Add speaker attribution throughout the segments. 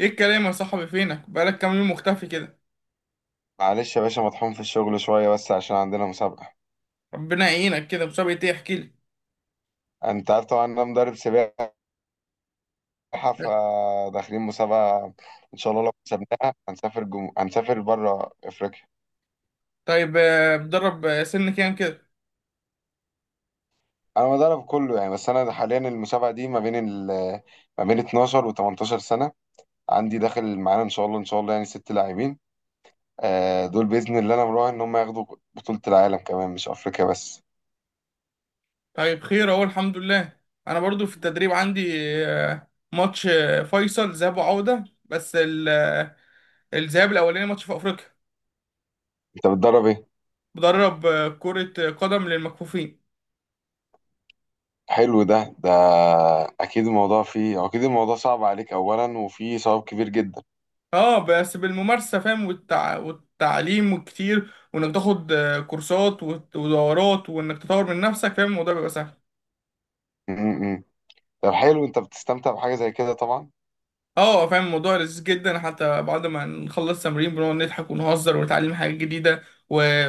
Speaker 1: ايه الكلام يا صاحبي؟ فينك بقالك كام يوم مختفي كده؟
Speaker 2: معلش يا باشا، مطحون في الشغل شوية، بس عشان عندنا مسابقة.
Speaker 1: ربنا يعينك. كده مسابقة ايه؟ احكي لي.
Speaker 2: انت عارف طبعا، انا مدرب سباحة، فداخلين مسابقة. ان شاء الله لو كسبناها هنسافر هنسافر بره افريقيا.
Speaker 1: طيب، بتدرب سن كام كده؟
Speaker 2: انا مدرب كله يعني، بس انا حاليا المسابقة دي ما بين ما بين 12 و 18 سنة. عندي داخل معانا ان شاء الله ان شاء الله يعني 6 لاعبين. دول بإذن الله، انا مراهن ان هم ياخدوا بطولة العالم كمان، مش افريقيا بس.
Speaker 1: طيب خير، اهو الحمد لله. انا برضو في التدريب عندي ماتش فيصل ذهاب وعودة. بس الذهاب الاولاني ماتش في افريقيا.
Speaker 2: انت بتدرب ايه؟
Speaker 1: بدرب كرة قدم للمكفوفين.
Speaker 2: حلو ده. اكيد الموضوع فيه هو، اكيد الموضوع صعب عليك اولا، وفيه صعوب كبير جدا.
Speaker 1: اه، بس بالممارسة، فاهم، والتعليم، وكتير، وانك تاخد كورسات ودورات، وانك تطور من نفسك، فاهم، الموضوع بيبقى سهل.
Speaker 2: م-م. طب حلو، انت بتستمتع بحاجه زي كده طبعا.
Speaker 1: اه، فاهم، الموضوع لذيذ جدا، حتى بعد ما نخلص تمرين بنقعد نضحك ونهزر ونتعلم حاجات جديدة و-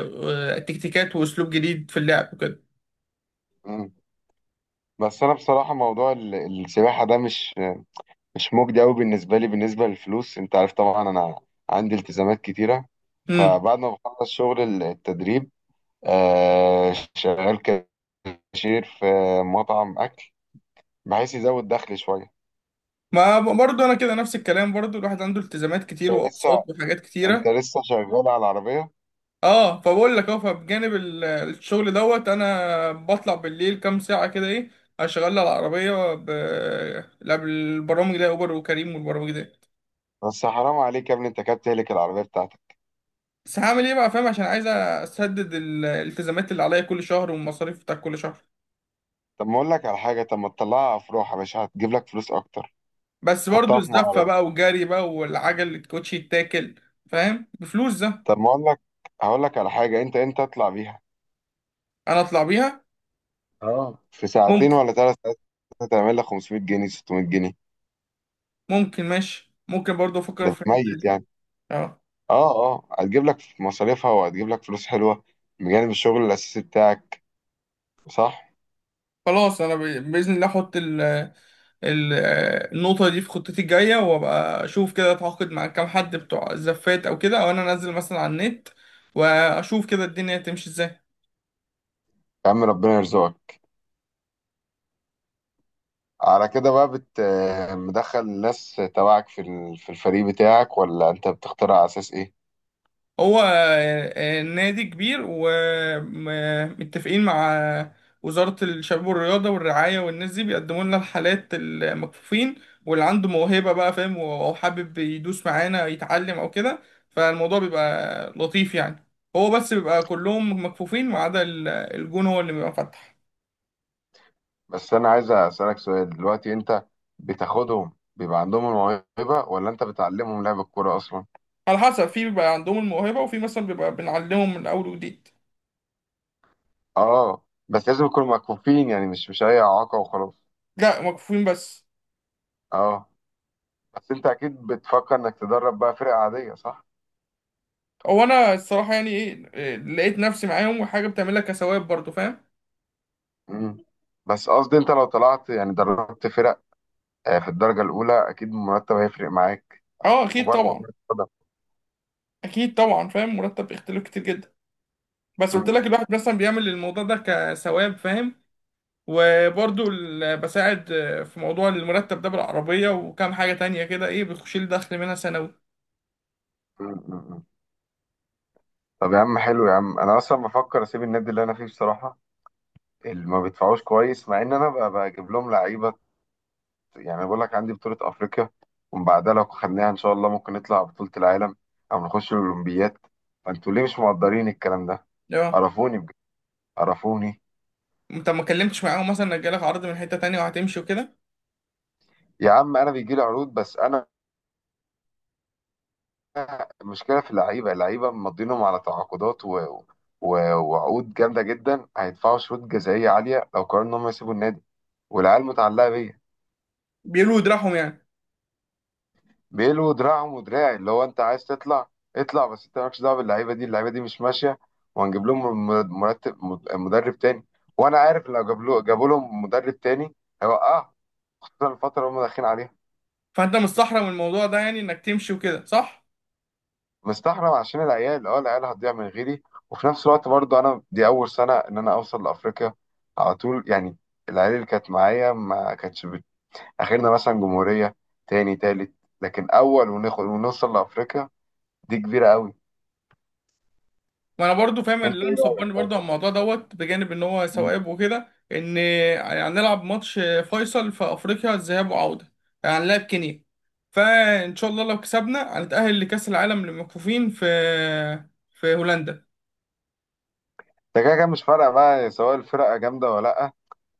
Speaker 1: وتكتيكات واسلوب جديد في اللعب وكده.
Speaker 2: م. بس انا بصراحه موضوع السباحه ده مش مجدي قوي بالنسبه لي، بالنسبه للفلوس. انت عارف طبعا انا عندي التزامات كتيره.
Speaker 1: امم
Speaker 2: فبعد ما بخلص شغل التدريب، شغال كاشير في مطعم اكل، بحيث يزود دخلي شويه.
Speaker 1: ما برضه انا كده، نفس الكلام، برضه الواحد عنده التزامات كتير
Speaker 2: انت لسه
Speaker 1: واقساط وحاجات
Speaker 2: انت
Speaker 1: كتيرة.
Speaker 2: لسه شغال على العربيه؟
Speaker 1: اه، فبقول لك، فبجانب الشغل دوت، انا بطلع بالليل كام ساعة كده، ايه، اشغل على العربية قبل البرامج ده، اوبر وكريم والبرامج ده.
Speaker 2: بس حرام عليك يا ابني، انت كده بتهلك العربية بتاعتك.
Speaker 1: بس هعمل ايه بقى، فاهم، عشان عايز اسدد الالتزامات اللي عليا كل شهر والمصاريف بتاع كل شهر.
Speaker 2: طب ما اقول لك على حاجة، طب ما تطلعها افراح يا باشا، هتجيب لك فلوس اكتر.
Speaker 1: بس برضو
Speaker 2: حطها في
Speaker 1: الزفة
Speaker 2: معرض.
Speaker 1: بقى والجري بقى والعجل اللي الكوتشي يتاكل. فاهم، بفلوس ده.
Speaker 2: طب ما اقول لك، هقول لك على حاجة. انت اطلع بيها،
Speaker 1: انا اطلع بيها؟
Speaker 2: اه، في ساعتين
Speaker 1: ممكن
Speaker 2: ولا 3 ساعات. هتعمل لك 500 جنيه 600 جنيه،
Speaker 1: ممكن ماشي، ممكن برضو افكر
Speaker 2: ده
Speaker 1: في الحتة
Speaker 2: 100
Speaker 1: دي.
Speaker 2: يعني.
Speaker 1: اه،
Speaker 2: اه اه، هتجيب لك مصاريفها وهتجيب لك فلوس حلوة بجانب الشغل الأساسي بتاعك، صح؟
Speaker 1: خلاص. انا باذن الله احط ال ال النقطة دي في خطتي الجاية، وابقى اشوف كده، اتعاقد مع كام حد بتوع الزفات او كده، او انا انزل مثلا على النت واشوف كده الدنيا تمشي ازاي.
Speaker 2: يا عم ربنا يرزقك. على كده بقى، مدخل الناس تبعك في في الفريق بتاعك، ولا انت بتختار على اساس ايه؟
Speaker 1: هو نادي كبير ومتفقين مع وزارة الشباب والرياضة والرعاية، والناس دي بيقدموا لنا الحالات المكفوفين. واللي عنده موهبة بقى، فاهم، أو حابب يدوس معانا يتعلم أو كده، فالموضوع بيبقى لطيف يعني. هو بس بيبقى كلهم مكفوفين ما عدا الجون، هو اللي بيبقى فاتح.
Speaker 2: بس انا عايز اسالك سؤال دلوقتي، انت بتاخدهم بيبقى عندهم الموهبه، ولا انت بتعلمهم لعب الكوره اصلا؟
Speaker 1: على حسب، في بيبقى عندهم الموهبة، وفي مثلا بيبقى بنعلمهم من أول وجديد.
Speaker 2: اه، بس لازم يكونوا مكفوفين يعني، مش اي اعاقه وخلاص؟
Speaker 1: لا، مكفوفين بس.
Speaker 2: اه، بس انت اكيد بتفكر انك تدرب بقى فرق عاديه، صح؟
Speaker 1: هو انا الصراحه يعني ايه، لقيت نفسي معاهم، وحاجه بتعملها كثواب برضو، فاهم.
Speaker 2: امم. بس قصدي انت لو طلعت يعني دربت فرق، في الدرجه الاولى اكيد المرتب هيفرق معاك
Speaker 1: اه، اكيد
Speaker 2: وبرده
Speaker 1: طبعا.
Speaker 2: كرة قدم.
Speaker 1: اكيد طبعا، فاهم، مرتب بيختلف كتير جدا. بس قلت
Speaker 2: أمم،
Speaker 1: لك، الواحد مثلا بيعمل الموضوع ده كثواب، فاهم. وبرضو بساعد في موضوع المرتب ده بالعربية وكام حاجة تانية كده، ايه، بتخش لي دخل منها سنوي.
Speaker 2: أمم، أمم. طب يا عم، حلو يا عم، انا اصلا بفكر اسيب النادي اللي انا فيه بصراحه، اللي ما بيدفعوش كويس، مع ان انا بجيب لهم لعيبه. يعني أنا بقول لك عندي بطولة أفريقيا، ومن بعدها لو خدناها إن شاء الله ممكن نطلع على بطولة العالم، أو نخش الأولمبياد. فأنتوا ليه مش مقدرين الكلام ده؟
Speaker 1: اه،
Speaker 2: قرفوني بجد، قرفوني.
Speaker 1: انت ما اتكلمتش معاهم مثلا انك جالك عرض من حتة تانية وهتمشي وكده؟
Speaker 2: يا عم، أنا بيجي لي عروض، بس أنا المشكلة في اللعيبة. اللعيبة مضينهم على تعاقدات و... وعقود جامدة جدا، هيدفعوا شروط جزائية عالية لو قرروا إن هم يسيبوا النادي، والعيال متعلقة بيا.
Speaker 1: بيقولوا يدرعهم يعني.
Speaker 2: بيلو دراعهم ودراعي. اللي هو انت عايز تطلع، اطلع، بس انت مالكش دعوه باللعيبه دي. اللعيبه دي مش ماشيه. وهنجيب لهم مدرب تاني. وانا عارف لو جابوا لهم مدرب تاني هيوقعهم، خصوصا الفتره اللي هم داخلين عليها.
Speaker 1: فانت مستحرم الموضوع ده يعني انك تمشي وكده، صح؟
Speaker 2: مستحرم عشان العيال هتضيع من غيري. وفي نفس الوقت برضو، انا دي اول سنه ان انا اوصل لافريقيا على طول يعني. العيال اللي كانت معايا ما كانتش اخرنا مثلا جمهوريه، تاني تالت، لكن اول وناخد ونوصل لافريقيا دي كبيره قوي.
Speaker 1: وانا برضو فاهم اللي
Speaker 2: انت ايه
Speaker 1: انا مصبرني
Speaker 2: رايك،
Speaker 1: برضو على الموضوع دوت، بجانب ان هو
Speaker 2: طيب؟
Speaker 1: سواقب وكده، ان هنلعب ماتش فيصل في افريقيا ذهاب وعودة. يعني هنلعب كينيا، فان شاء الله لو كسبنا هنتأهل لكأس العالم للمكفوفين في هولندا.
Speaker 2: ده كده كده مش فارقة بقى، سواء الفرقة جامدة ولا لأ.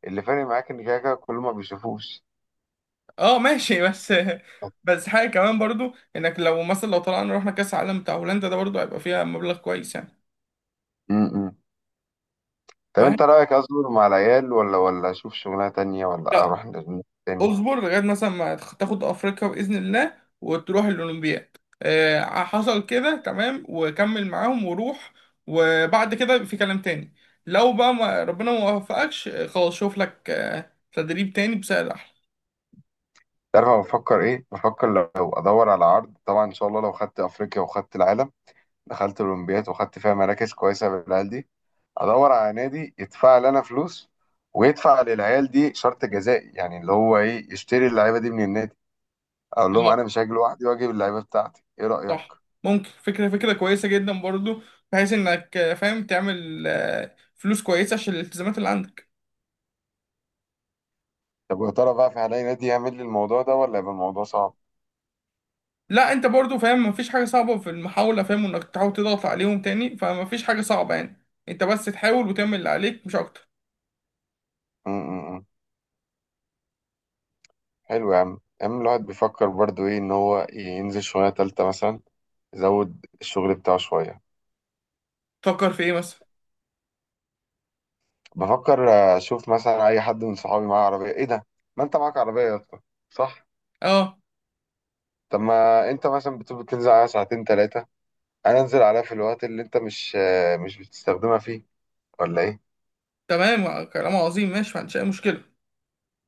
Speaker 2: اللي فارق معاك إن كده كده كله ما بيشوفوش.
Speaker 1: اه ماشي. بس
Speaker 2: طب
Speaker 1: بس حاجة كمان برضو، انك لو مثلا لو طلعنا رحنا كأس العالم بتاع هولندا ده، برضو هيبقى فيها مبلغ كويس يعني.
Speaker 2: م- م. طب
Speaker 1: فاهم.
Speaker 2: أنت رأيك أصبر مع العيال، ولا أشوف شغلانة تانية، ولا
Speaker 1: لا،
Speaker 2: أروح للناس تاني؟
Speaker 1: اصبر لغايه مثلا ما تاخد افريقيا باذن الله وتروح الاولمبياد، حصل كده، تمام، وكمل معاهم وروح. وبعد كده يبقى في كلام تاني. لو بقى ما ربنا ما وفقكش، خلاص، شوف لك تدريب تاني بسعر احلى.
Speaker 2: تعرف أنا بفكر إيه؟ بفكر لو أدور على عرض، طبعا إن شاء الله لو خدت أفريقيا وخدت العالم، دخلت الأولمبياد وخدت فيها مراكز كويسة بالعيال دي، أدور على نادي يدفع لنا فلوس، ويدفع للعيال دي شرط جزائي، يعني اللي هو إيه، يشتري اللعيبة دي من النادي، أقول لهم أنا
Speaker 1: آه،
Speaker 2: مش هاجي لوحدي وأجيب اللعيبة بتاعتي. إيه رأيك؟
Speaker 1: صح. ممكن فكره، فكره كويسه جدا برضو. بحيث انك، فاهم، تعمل فلوس كويسه عشان الالتزامات اللي عندك.
Speaker 2: طب ويا ترى بقى، في هلاقي نادي يعمل لي الموضوع ده ولا يبقى الموضوع صعب؟
Speaker 1: لا، انت برضو فاهم مفيش حاجة صعبة في المحاولة، فاهم، انك تحاول تضغط عليهم تاني، فمفيش حاجة صعبة يعني. انت بس تحاول وتعمل اللي عليك، مش اكتر.
Speaker 2: م. حلو يا عم، يا عم الواحد بيفكر برضو ايه، ان هو ينزل شوية تالتة مثلا، يزود الشغل بتاعه شوية.
Speaker 1: تفكر في ايه مثلا؟
Speaker 2: بفكر اشوف مثلا اي حد من صحابي معاه عربية. ايه ده، ما انت معاك عربية يا اسطى، صح؟
Speaker 1: اه،
Speaker 2: طب، ما انت مثلا بتقول بتنزل عليها ساعتين تلاتة، انا انزل عليها في الوقت اللي انت مش بتستخدمها فيه، ولا ايه؟
Speaker 1: تمام. كلام عظيم، ماشي. ما عنديش اي مشكلة.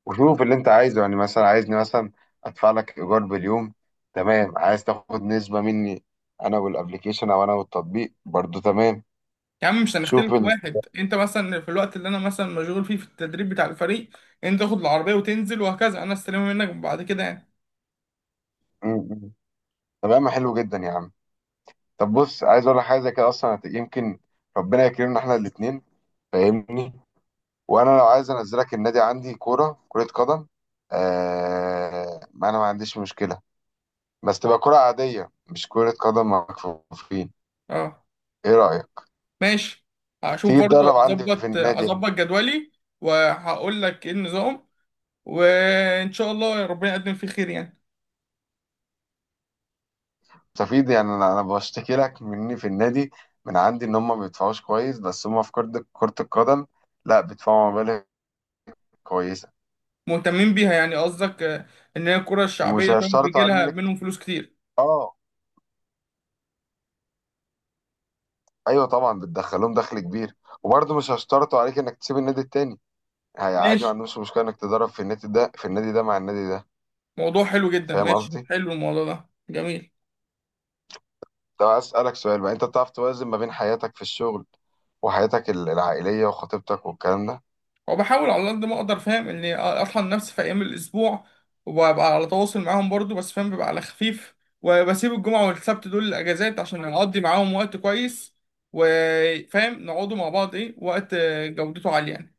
Speaker 2: وشوف اللي انت عايزه، يعني مثلا عايزني مثلا ادفع لك ايجار باليوم، تمام، عايز تاخد نسبة مني انا والابليكيشن، او انا والتطبيق، برضو تمام.
Speaker 1: يا عم، مش
Speaker 2: شوف
Speaker 1: هنختلف. واحد، انت مثلا في الوقت اللي انا مثلا مشغول فيه في التدريب بتاع الفريق، انت تاخد العربية وتنزل وهكذا، انا استلمها منك بعد كده يعني.
Speaker 2: م. تمام حلو جدا يا عم. طب بص، عايز اقول لك حاجة كده، اصلا يمكن ربنا يكرمنا احنا الاتنين، فاهمني؟ وانا لو عايز انزلك النادي عندي كرة قدم. ما انا ما عنديش مشكلة، بس تبقى كرة عادية، مش كرة قدم مكفوفين.
Speaker 1: اه
Speaker 2: ايه رأيك،
Speaker 1: ماشي. هشوف
Speaker 2: تيجي
Speaker 1: برضو،
Speaker 2: تدرب عندي في
Speaker 1: اظبط
Speaker 2: النادي؟
Speaker 1: اظبط جدولي، وهقول لك ايه النظام، وان شاء الله ربنا يقدم فيه خير يعني.
Speaker 2: مستفيد يعني. انا بشتكي لك مني في النادي من عندي ان هم ما بيدفعوش كويس، بس هم في كرة القدم لا، بيدفعوا مبالغ كويسة.
Speaker 1: مهتمين بيها يعني، قصدك ان هي الكرة
Speaker 2: ومش
Speaker 1: الشعبية، فاهم،
Speaker 2: هيشترطوا
Speaker 1: بيجي
Speaker 2: عليك
Speaker 1: لها منهم فلوس كتير.
Speaker 2: اه، ايوه طبعا بتدخلهم دخل كبير. وبرضه مش هيشترطوا عليك انك تسيب النادي التاني. هي عادي، ما
Speaker 1: ماشي،
Speaker 2: عندهمش مشكلة انك تدرب في النادي ده، في النادي ده، مع النادي ده.
Speaker 1: موضوع حلو جدا.
Speaker 2: فاهم
Speaker 1: ماشي،
Speaker 2: قصدي؟
Speaker 1: حلو الموضوع ده، جميل.
Speaker 2: طب عايز اسألك سؤال بقى، انت بتعرف توازن ما بين حياتك في الشغل وحياتك العائلية وخطيبتك والكلام ده؟
Speaker 1: وبحاول على قد ما اقدر، فاهم، اني اطحن نفسي في ايام الاسبوع، وببقى على تواصل معاهم برضو، بس فاهم ببقى على خفيف. وبسيب الجمعة والسبت دول الاجازات عشان اقضي معاهم وقت كويس، وفاهم نقعدوا مع بعض، ايه، وقت جودته عالية يعني.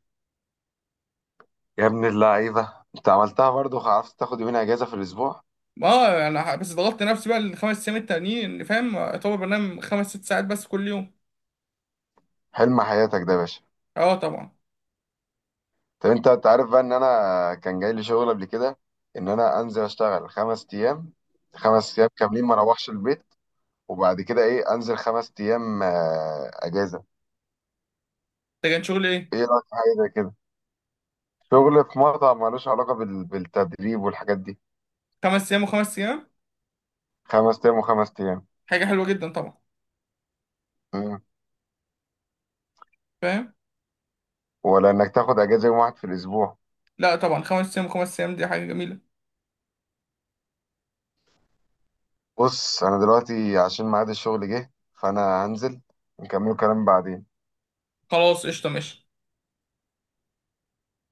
Speaker 2: يا ابن اللعيبة، انت عملتها برضه، عرفت تاخد يومين اجازة في الاسبوع؟
Speaker 1: اه، انا بس ضغطت نفسي بقى ال5 ايام التانيين، فاهم، اعتبر بنام 5 6 ساعات بس كل يوم.
Speaker 2: حلم حياتك ده يا باشا.
Speaker 1: اه، طبعا.
Speaker 2: طب انت عارف بقى ان انا كان جاي لي شغل قبل كده، ان انا انزل اشتغل 5 ايام، 5 ايام كاملين ما اروحش البيت، وبعد كده ايه، انزل 5 ايام اجازه.
Speaker 1: ده كان شغل ايه؟
Speaker 2: ايه رايك في حاجه زي كده؟ شغل في مطعم ملوش علاقه بالتدريب والحاجات دي.
Speaker 1: 5 ايام و5 ايام؟
Speaker 2: 5 ايام وخمس ايام.
Speaker 1: حاجه حلوه جدا طبعا.
Speaker 2: مم.
Speaker 1: فاهم.
Speaker 2: ولا انك تاخد اجازه يوم واحد في الاسبوع؟
Speaker 1: لا طبعا، 5 ايام و5 ايام دي حاجه جميله.
Speaker 2: بص انا دلوقتي عشان ميعاد الشغل جه، فانا هنزل، نكمل كلام بعدين.
Speaker 1: خلاص قشطه، ماشي.